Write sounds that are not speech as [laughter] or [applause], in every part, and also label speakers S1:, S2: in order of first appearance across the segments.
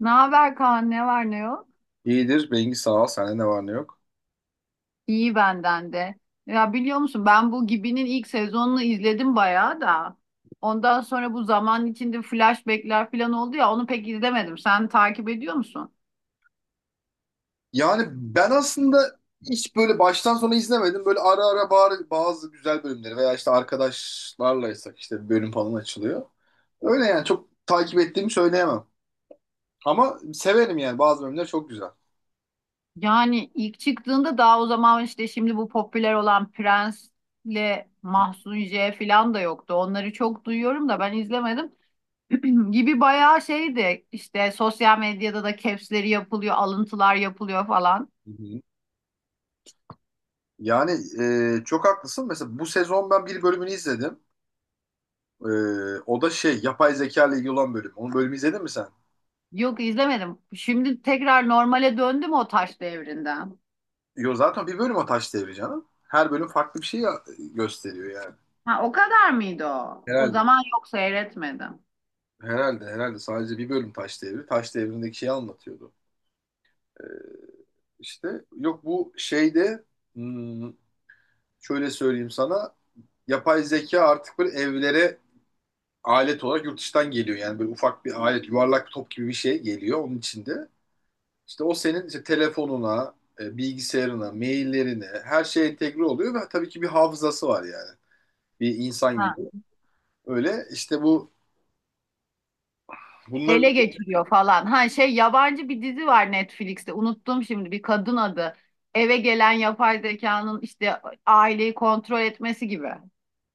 S1: Ne haber Kaan? Ne var ne yok?
S2: İyidir. Bengi sağ ol. Sende ne var ne yok.
S1: İyi benden de. Ya biliyor musun ben bu Gibi'nin ilk sezonunu izledim bayağı da. Ondan sonra bu zaman içinde flashbackler falan oldu ya onu pek izlemedim. Sen takip ediyor musun?
S2: Yani ben aslında hiç böyle baştan sona izlemedim. Böyle ara ara bazı güzel bölümleri veya işte arkadaşlarlaysak işte bir bölüm falan açılıyor. Öyle yani çok takip ettiğimi söyleyemem. Ama severim yani bazı bölümler çok güzel.
S1: Yani ilk çıktığında daha o zaman işte şimdi bu popüler olan Prens'le Mahsun J falan da yoktu. Onları çok duyuyorum da ben izlemedim. [clears throat] Gibi bayağı şeydi işte sosyal medyada da caps'leri yapılıyor, alıntılar yapılıyor falan.
S2: Hı hı. Yani çok haklısın. Mesela bu sezon ben bir bölümünü izledim. E, O da şey yapay zeka ile ilgili olan bölüm. Onun bölümü izledin mi sen?
S1: Yok izlemedim. Şimdi tekrar normale döndü mü o taş devrinden?
S2: Yo, zaten bir bölüm o taş devri canım. Her bölüm farklı bir şey gösteriyor yani.
S1: Ha o kadar mıydı o? O
S2: Herhalde.
S1: zaman yok seyretmedim.
S2: Herhalde sadece bir bölüm Taş Devri. Taş Devri'ndeki şeyi anlatıyordu. Ee, işte yok bu şeyde, hmm, şöyle söyleyeyim sana. Yapay zeka artık böyle evlere alet olarak yurt dışından geliyor. Yani böyle ufak bir alet, yuvarlak bir top gibi bir şey geliyor onun içinde. İşte o senin işte telefonuna, bilgisayarına, maillerine her şey entegre oluyor ve tabii ki bir hafızası var yani. Bir insan gibi.
S1: Ha.
S2: Öyle işte bu
S1: Ele
S2: bunların
S1: geçiriyor falan. Ha şey yabancı bir dizi var Netflix'te. Unuttum şimdi bir kadın adı. Eve gelen yapay zekanın işte aileyi kontrol etmesi gibi.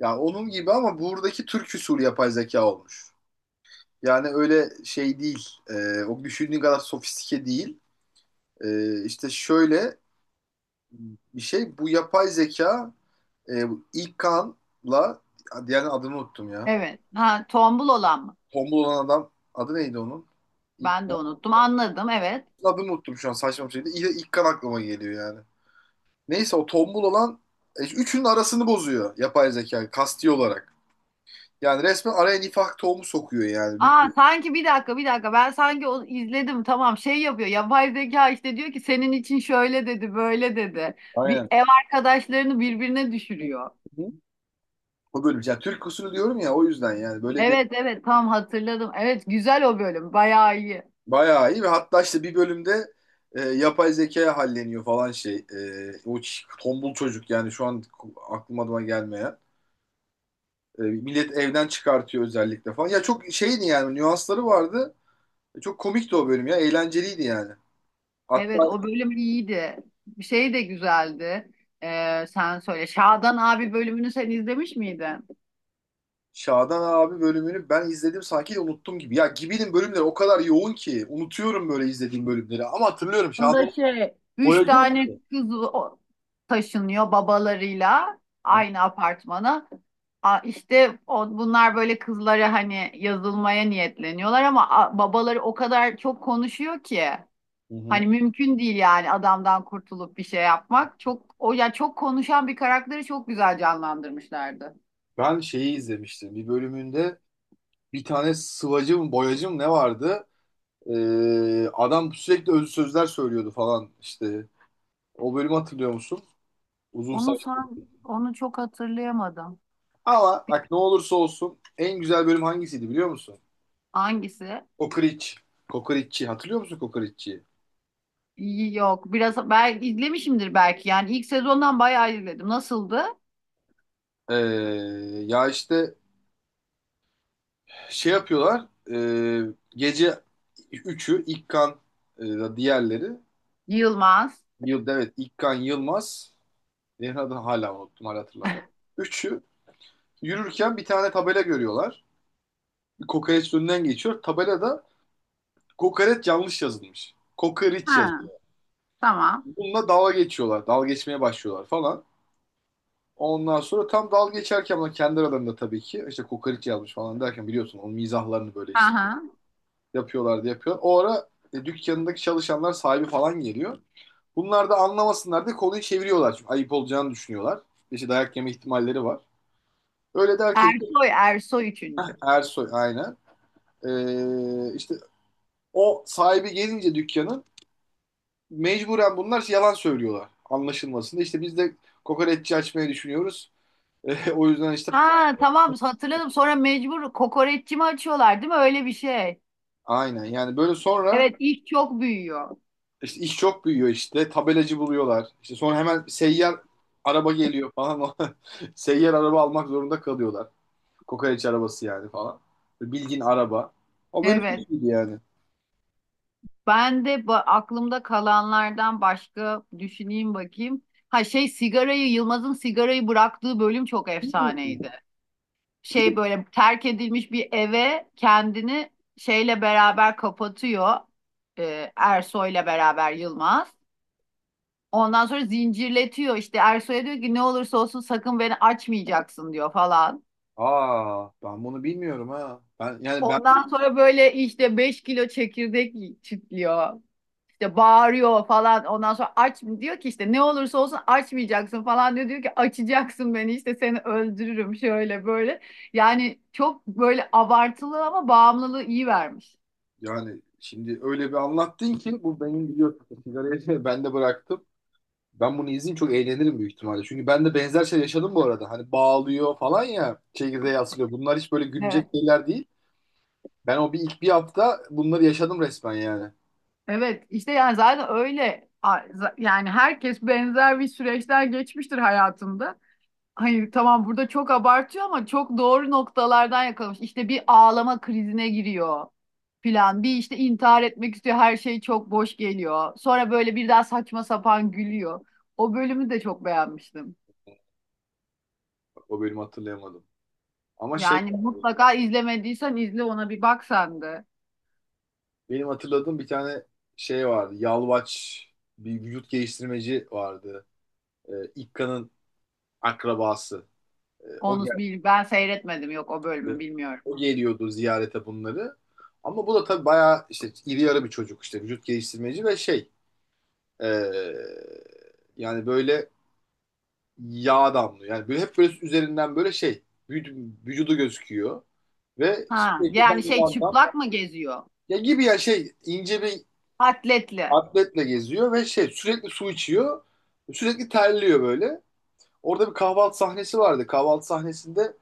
S2: ya onun gibi, ama buradaki Türk usulü yapay zeka olmuş. Yani öyle şey değil. O düşündüğün kadar sofistike değil. İşte şöyle bir şey. Bu yapay zeka bu ilk Kaan'la, diğer adını unuttum ya.
S1: Evet. Ha tombul olan mı?
S2: Tombul olan adam adı neydi onun? İlk
S1: Ben de unuttum. Anladım evet.
S2: adını unuttum şu an, saçma bir şeydi. İlk Kaan aklıma geliyor yani. Neyse, o tombul olan üçünün arasını bozuyor yapay zeka kasti olarak. Yani resmen araya nifak tohumu sokuyor yani.
S1: Aa sanki bir dakika bir dakika ben sanki onu izledim, tamam şey yapıyor yapay zeka işte, diyor ki senin için şöyle dedi böyle dedi, bir
S2: Aynen.
S1: ev arkadaşlarını birbirine
S2: Hı
S1: düşürüyor.
S2: hı. O bölüm. Yani Türk usulü diyorum ya, o yüzden yani böyle bir.
S1: Evet evet tam hatırladım, evet güzel o bölüm bayağı iyi,
S2: Bayağı iyi, ve hatta işte bir bölümde yapay zekaya halleniyor falan şey. O tombul çocuk, yani şu an aklım adıma gelmeyen. Millet evden çıkartıyor özellikle falan. Ya çok şeydi yani, nüansları vardı. Çok komikti o bölüm ya. Eğlenceliydi yani. Hatta
S1: evet o bölüm iyiydi, şey de güzeldi. Sen söyle, Şadan abi bölümünü sen izlemiş miydin?
S2: Şadan abi bölümünü ben izledim sanki de unuttum gibi. Ya Gibi'nin bölümleri o kadar yoğun ki unutuyorum böyle izlediğim bölümleri. Ama hatırlıyorum
S1: Onda
S2: Şadan
S1: şey üç
S2: boyacı
S1: tane
S2: mıydı?
S1: kız taşınıyor babalarıyla aynı apartmana. İşte o, bunlar böyle kızlara hani yazılmaya niyetleniyorlar ama babaları o kadar çok konuşuyor ki
S2: Hı
S1: hani
S2: hı.
S1: mümkün değil yani adamdan kurtulup bir şey yapmak. Çok o ya, çok konuşan bir karakteri çok güzel canlandırmışlardı.
S2: Ben şeyi izlemiştim. Bir bölümünde bir tane sıvacı mı boyacı mı ne vardı? Adam sürekli özlü sözler söylüyordu falan işte. O bölümü hatırlıyor musun? Uzun
S1: Onu
S2: saç.
S1: san onu çok hatırlayamadım.
S2: Ama bak, ne olursa olsun en güzel bölüm hangisiydi biliyor musun?
S1: Hangisi?
S2: Kokoreç. Kokoreççi. Hatırlıyor musun kokoreççiyi?
S1: Yok, biraz ben izlemişimdir belki. Yani ilk sezondan bayağı izledim. Nasıldı?
S2: Ee, Ya işte şey yapıyorlar. Gece üçü İlkan, diğerleri.
S1: Yılmaz.
S2: Evet, İlkan Yılmaz. Diğer adını hala unuttum, hala hatırlamıyorum. Üçü yürürken bir tane tabela görüyorlar. Kokoreç önünden geçiyor. Tabelada kokoreç yanlış yazılmış. Kokoreç
S1: Ha,
S2: yazıyor.
S1: tamam.
S2: Bununla dalga geçiyorlar. Dalga geçmeye başlıyorlar falan. Ondan sonra tam dalga geçerken, ama kendi aralarında tabii ki, işte kokoreç yazmış falan derken, biliyorsun onun mizahlarını böyle işte
S1: Aha.
S2: yapıyorlar diye yapıyor. O ara dükkanındaki çalışanlar, sahibi falan geliyor. Bunlar da anlamasınlar diye konuyu çeviriyorlar. Çünkü ayıp olacağını düşünüyorlar. İşte dayak yeme ihtimalleri var. Öyle derken işte
S1: Ersoy, Ersoy üçüncü.
S2: Ersoy, aynen. İşte o sahibi gelince dükkanın, mecburen bunlar şey, yalan söylüyorlar anlaşılmasında. İşte biz de kokoreççi açmayı düşünüyoruz. [laughs] O yüzden işte
S1: Ha, tamam hatırladım. Sonra mecbur kokoreççi mi açıyorlar değil mi? Öyle bir şey.
S2: aynen yani, böyle sonra
S1: Evet, ilk çok büyüyor.
S2: işte iş çok büyüyor, işte tabelacı buluyorlar. İşte sonra hemen seyyar araba geliyor falan. [laughs] Seyyar araba almak zorunda kalıyorlar. Kokoreç arabası yani falan. Bildiğin araba. O benim
S1: Evet.
S2: gibi yani.
S1: Ben de aklımda kalanlardan başka düşüneyim bakayım. Ha şey, sigarayı Yılmaz'ın sigarayı bıraktığı bölüm çok
S2: Hmm.
S1: efsaneydi. Şey böyle terk edilmiş bir eve kendini şeyle beraber kapatıyor. Ersoy'la beraber Yılmaz. Ondan sonra zincirletiyor işte, Ersoy'a diyor ki ne olursa olsun sakın beni açmayacaksın diyor falan.
S2: Aa, ben bunu bilmiyorum ha. Ben yani ben
S1: Ondan sonra böyle işte 5 kilo çekirdek çitliyor. İşte bağırıyor falan. Ondan sonra aç diyor ki işte ne olursa olsun açmayacaksın falan diyor. Diyor ki açacaksın beni işte, seni öldürürüm şöyle böyle. Yani çok böyle abartılı ama bağımlılığı iyi vermiş.
S2: yani şimdi öyle bir anlattın ki, bu benim biliyorsun sigarayı, [laughs] ben de bıraktım. Ben bunu izleyeyim, çok eğlenirim büyük ihtimalle. Çünkü ben de benzer şey yaşadım bu arada. Hani bağlıyor falan ya, çekirdeğe asılıyor. Bunlar hiç böyle güncel
S1: Evet.
S2: şeyler değil. Ben o bir ilk bir hafta bunları yaşadım resmen yani.
S1: Evet işte yani zaten öyle, yani herkes benzer bir süreçler geçmiştir hayatında. Hayır tamam, burada çok abartıyor ama çok doğru noktalardan yakalamış. İşte bir ağlama krizine giriyor filan. Bir işte intihar etmek istiyor. Her şey çok boş geliyor. Sonra böyle bir daha saçma sapan gülüyor. O bölümü de çok beğenmiştim.
S2: O bölümü hatırlayamadım. Ama şey,
S1: Yani mutlaka izlemediysen izle, ona bir bak sen de.
S2: benim hatırladığım bir tane şey vardı. Yalvaç, bir vücut geliştirmeci vardı. İkka'nın akrabası. O
S1: Onu
S2: geldi.
S1: bil, ben seyretmedim, yok o bölümü bilmiyorum.
S2: O geliyordu ziyarete bunları. Ama bu da tabii bayağı işte iri yarı bir çocuk, işte vücut geliştirmeci ve şey, ee, yani böyle yağ damlıyor. Yani böyle hep böyle üzerinden böyle şey, vücudu gözüküyor ve
S1: Ha
S2: sürekli dam
S1: yani şey,
S2: dam dam.
S1: çıplak mı geziyor?
S2: Ya gibi ya, şey, ince bir
S1: Atletli.
S2: atletle geziyor ve şey, sürekli su içiyor. Sürekli terliyor böyle. Orada bir kahvaltı sahnesi vardı. Kahvaltı sahnesinde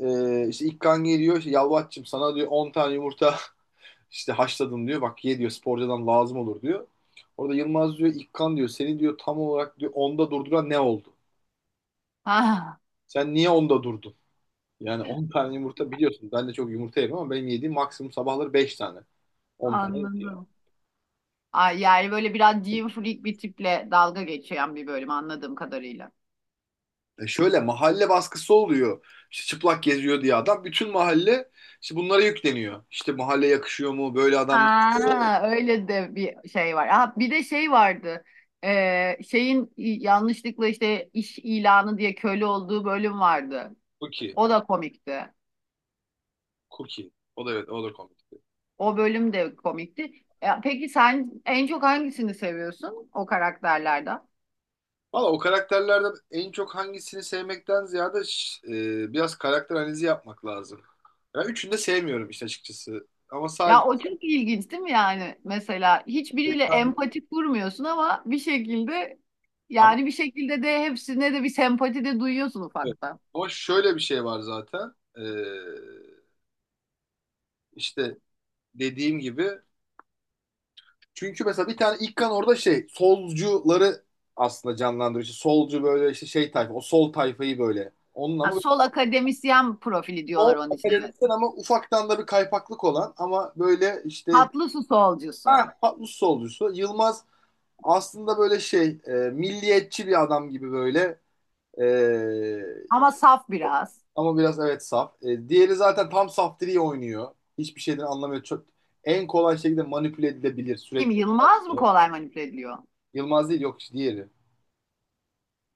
S2: işte ilk kan geliyor. Işte, Yalvaç'cığım sana diyor 10 tane yumurta [laughs] işte haşladım diyor. Bak ye diyor, sporcudan lazım olur diyor. Orada Yılmaz diyor, İlkan diyor, seni diyor tam olarak, diyor onda durduran ne oldu?
S1: Ha
S2: Sen niye onda durdun? Yani 10 tane yumurta, biliyorsun. Ben de çok yumurta yerim ama benim yediğim maksimum sabahları beş tane. On tane yok yani.
S1: anladım. Ay, yani böyle biraz gym freak bir tiple dalga geçen bir bölüm anladığım kadarıyla.
S2: Şöyle mahalle baskısı oluyor. İşte çıplak geziyor diye adam. Bütün mahalle işte bunlara yükleniyor. İşte mahalle yakışıyor mu? Böyle adamlar.
S1: Ha öyle de bir şey var. Ha, bir de şey vardı. Şeyin yanlışlıkla işte iş ilanı diye köle olduğu bölüm vardı.
S2: Cookie.
S1: O da komikti.
S2: Cookie. O da, evet, o da komik.
S1: O bölüm de komikti. Peki sen en çok hangisini seviyorsun o karakterlerden?
S2: Valla, o karakterlerden en çok hangisini sevmekten ziyade biraz karakter analizi yapmak lazım. Ben üçünü de sevmiyorum işte açıkçası. Ama sadece,
S1: Ya o çok ilginç değil mi yani? Mesela hiçbiriyle empati kurmuyorsun ama bir şekilde,
S2: ama,
S1: yani bir şekilde de hepsine de bir sempati de duyuyorsun ufaktan.
S2: ama şöyle bir şey var zaten. İşte dediğim gibi. Çünkü mesela bir tane İlkan orada şey solcuları aslında canlandırıyor. İşte solcu böyle işte şey tayfa, o sol tayfayı böyle. Onun
S1: Ha,
S2: ama
S1: sol akademisyen profili diyorlar
S2: o
S1: onun için, evet.
S2: akademisyen, ama ufaktan da bir kaypaklık olan, ama böyle işte
S1: Tatlı su solcusu,
S2: ah patlus solcusu. Yılmaz aslında böyle şey, milliyetçi bir adam gibi böyle, e,
S1: ama saf biraz.
S2: ama biraz, evet, saf. Diğeri zaten tam saftiri oynuyor. Hiçbir şeyden anlamıyor. Çok, en kolay şekilde manipüle edilebilir
S1: Kim,
S2: sürekli.
S1: Yılmaz mı kolay manipüle ediliyor?
S2: Yılmaz değil, yok işte diğeri.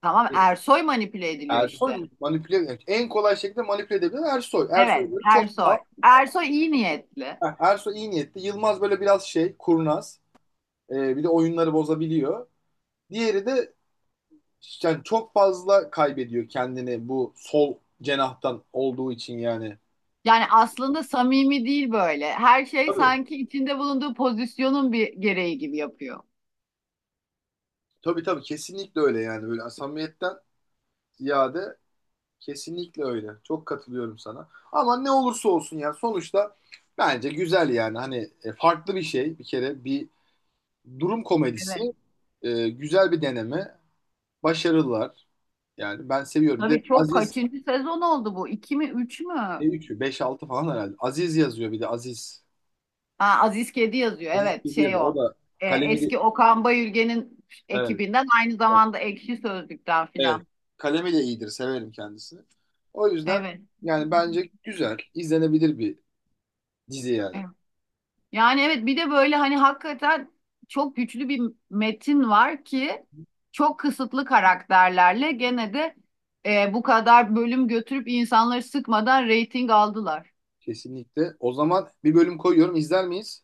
S1: Tamam, Ersoy manipüle ediliyor işte.
S2: Ersoy manipüle, evet. En kolay şekilde manipüle edebilen Ersoy.
S1: Evet,
S2: Ersoy böyle çok saf.
S1: Ersoy. Ersoy iyi niyetli.
S2: Heh, Ersoy iyi niyetli. Yılmaz böyle biraz şey, kurnaz. Bir de oyunları bozabiliyor. Diğeri de yani çok fazla kaybediyor kendini bu sol cenahtan olduğu için yani.
S1: Yani aslında samimi değil böyle. Her şey
S2: Tabii.
S1: sanki içinde bulunduğu pozisyonun bir gereği gibi yapıyor.
S2: Tabii tabii, kesinlikle öyle yani, böyle samimiyetten ziyade kesinlikle öyle. Çok katılıyorum sana. Ama ne olursa olsun yani, sonuçta bence güzel yani, hani farklı bir şey, bir kere bir durum komedisi.
S1: Evet.
S2: Güzel bir deneme. Başarılılar. Yani ben seviyorum. Bir de
S1: Tabii, çok
S2: Aziz,
S1: kaçıncı sezon oldu bu? İki mi üç mü?
S2: ne 3'ü, 5-6 falan herhalde. Aziz yazıyor, bir de Aziz.
S1: Ha, Aziz Kedi yazıyor.
S2: Aziz
S1: Evet
S2: Bilgi
S1: şey
S2: yazıyor. O
S1: o.
S2: da kalemiyle,
S1: Eski Okan Bayülgen'in
S2: evet,
S1: ekibinden, aynı
S2: evet,
S1: zamanda Ekşi Sözlük'ten
S2: evet.
S1: filan.
S2: Kalemiyle iyidir. Severim kendisini. O yüzden
S1: Evet.
S2: yani bence güzel. İzlenebilir bir dizi yani.
S1: Evet. Yani evet, bir de böyle hani hakikaten çok güçlü bir metin var ki çok kısıtlı karakterlerle gene de, bu kadar bölüm götürüp insanları sıkmadan reyting aldılar.
S2: Kesinlikle. O zaman bir bölüm koyuyorum. İzler miyiz?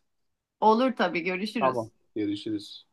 S1: Olur tabii,
S2: Tamam.
S1: görüşürüz.
S2: Görüşürüz.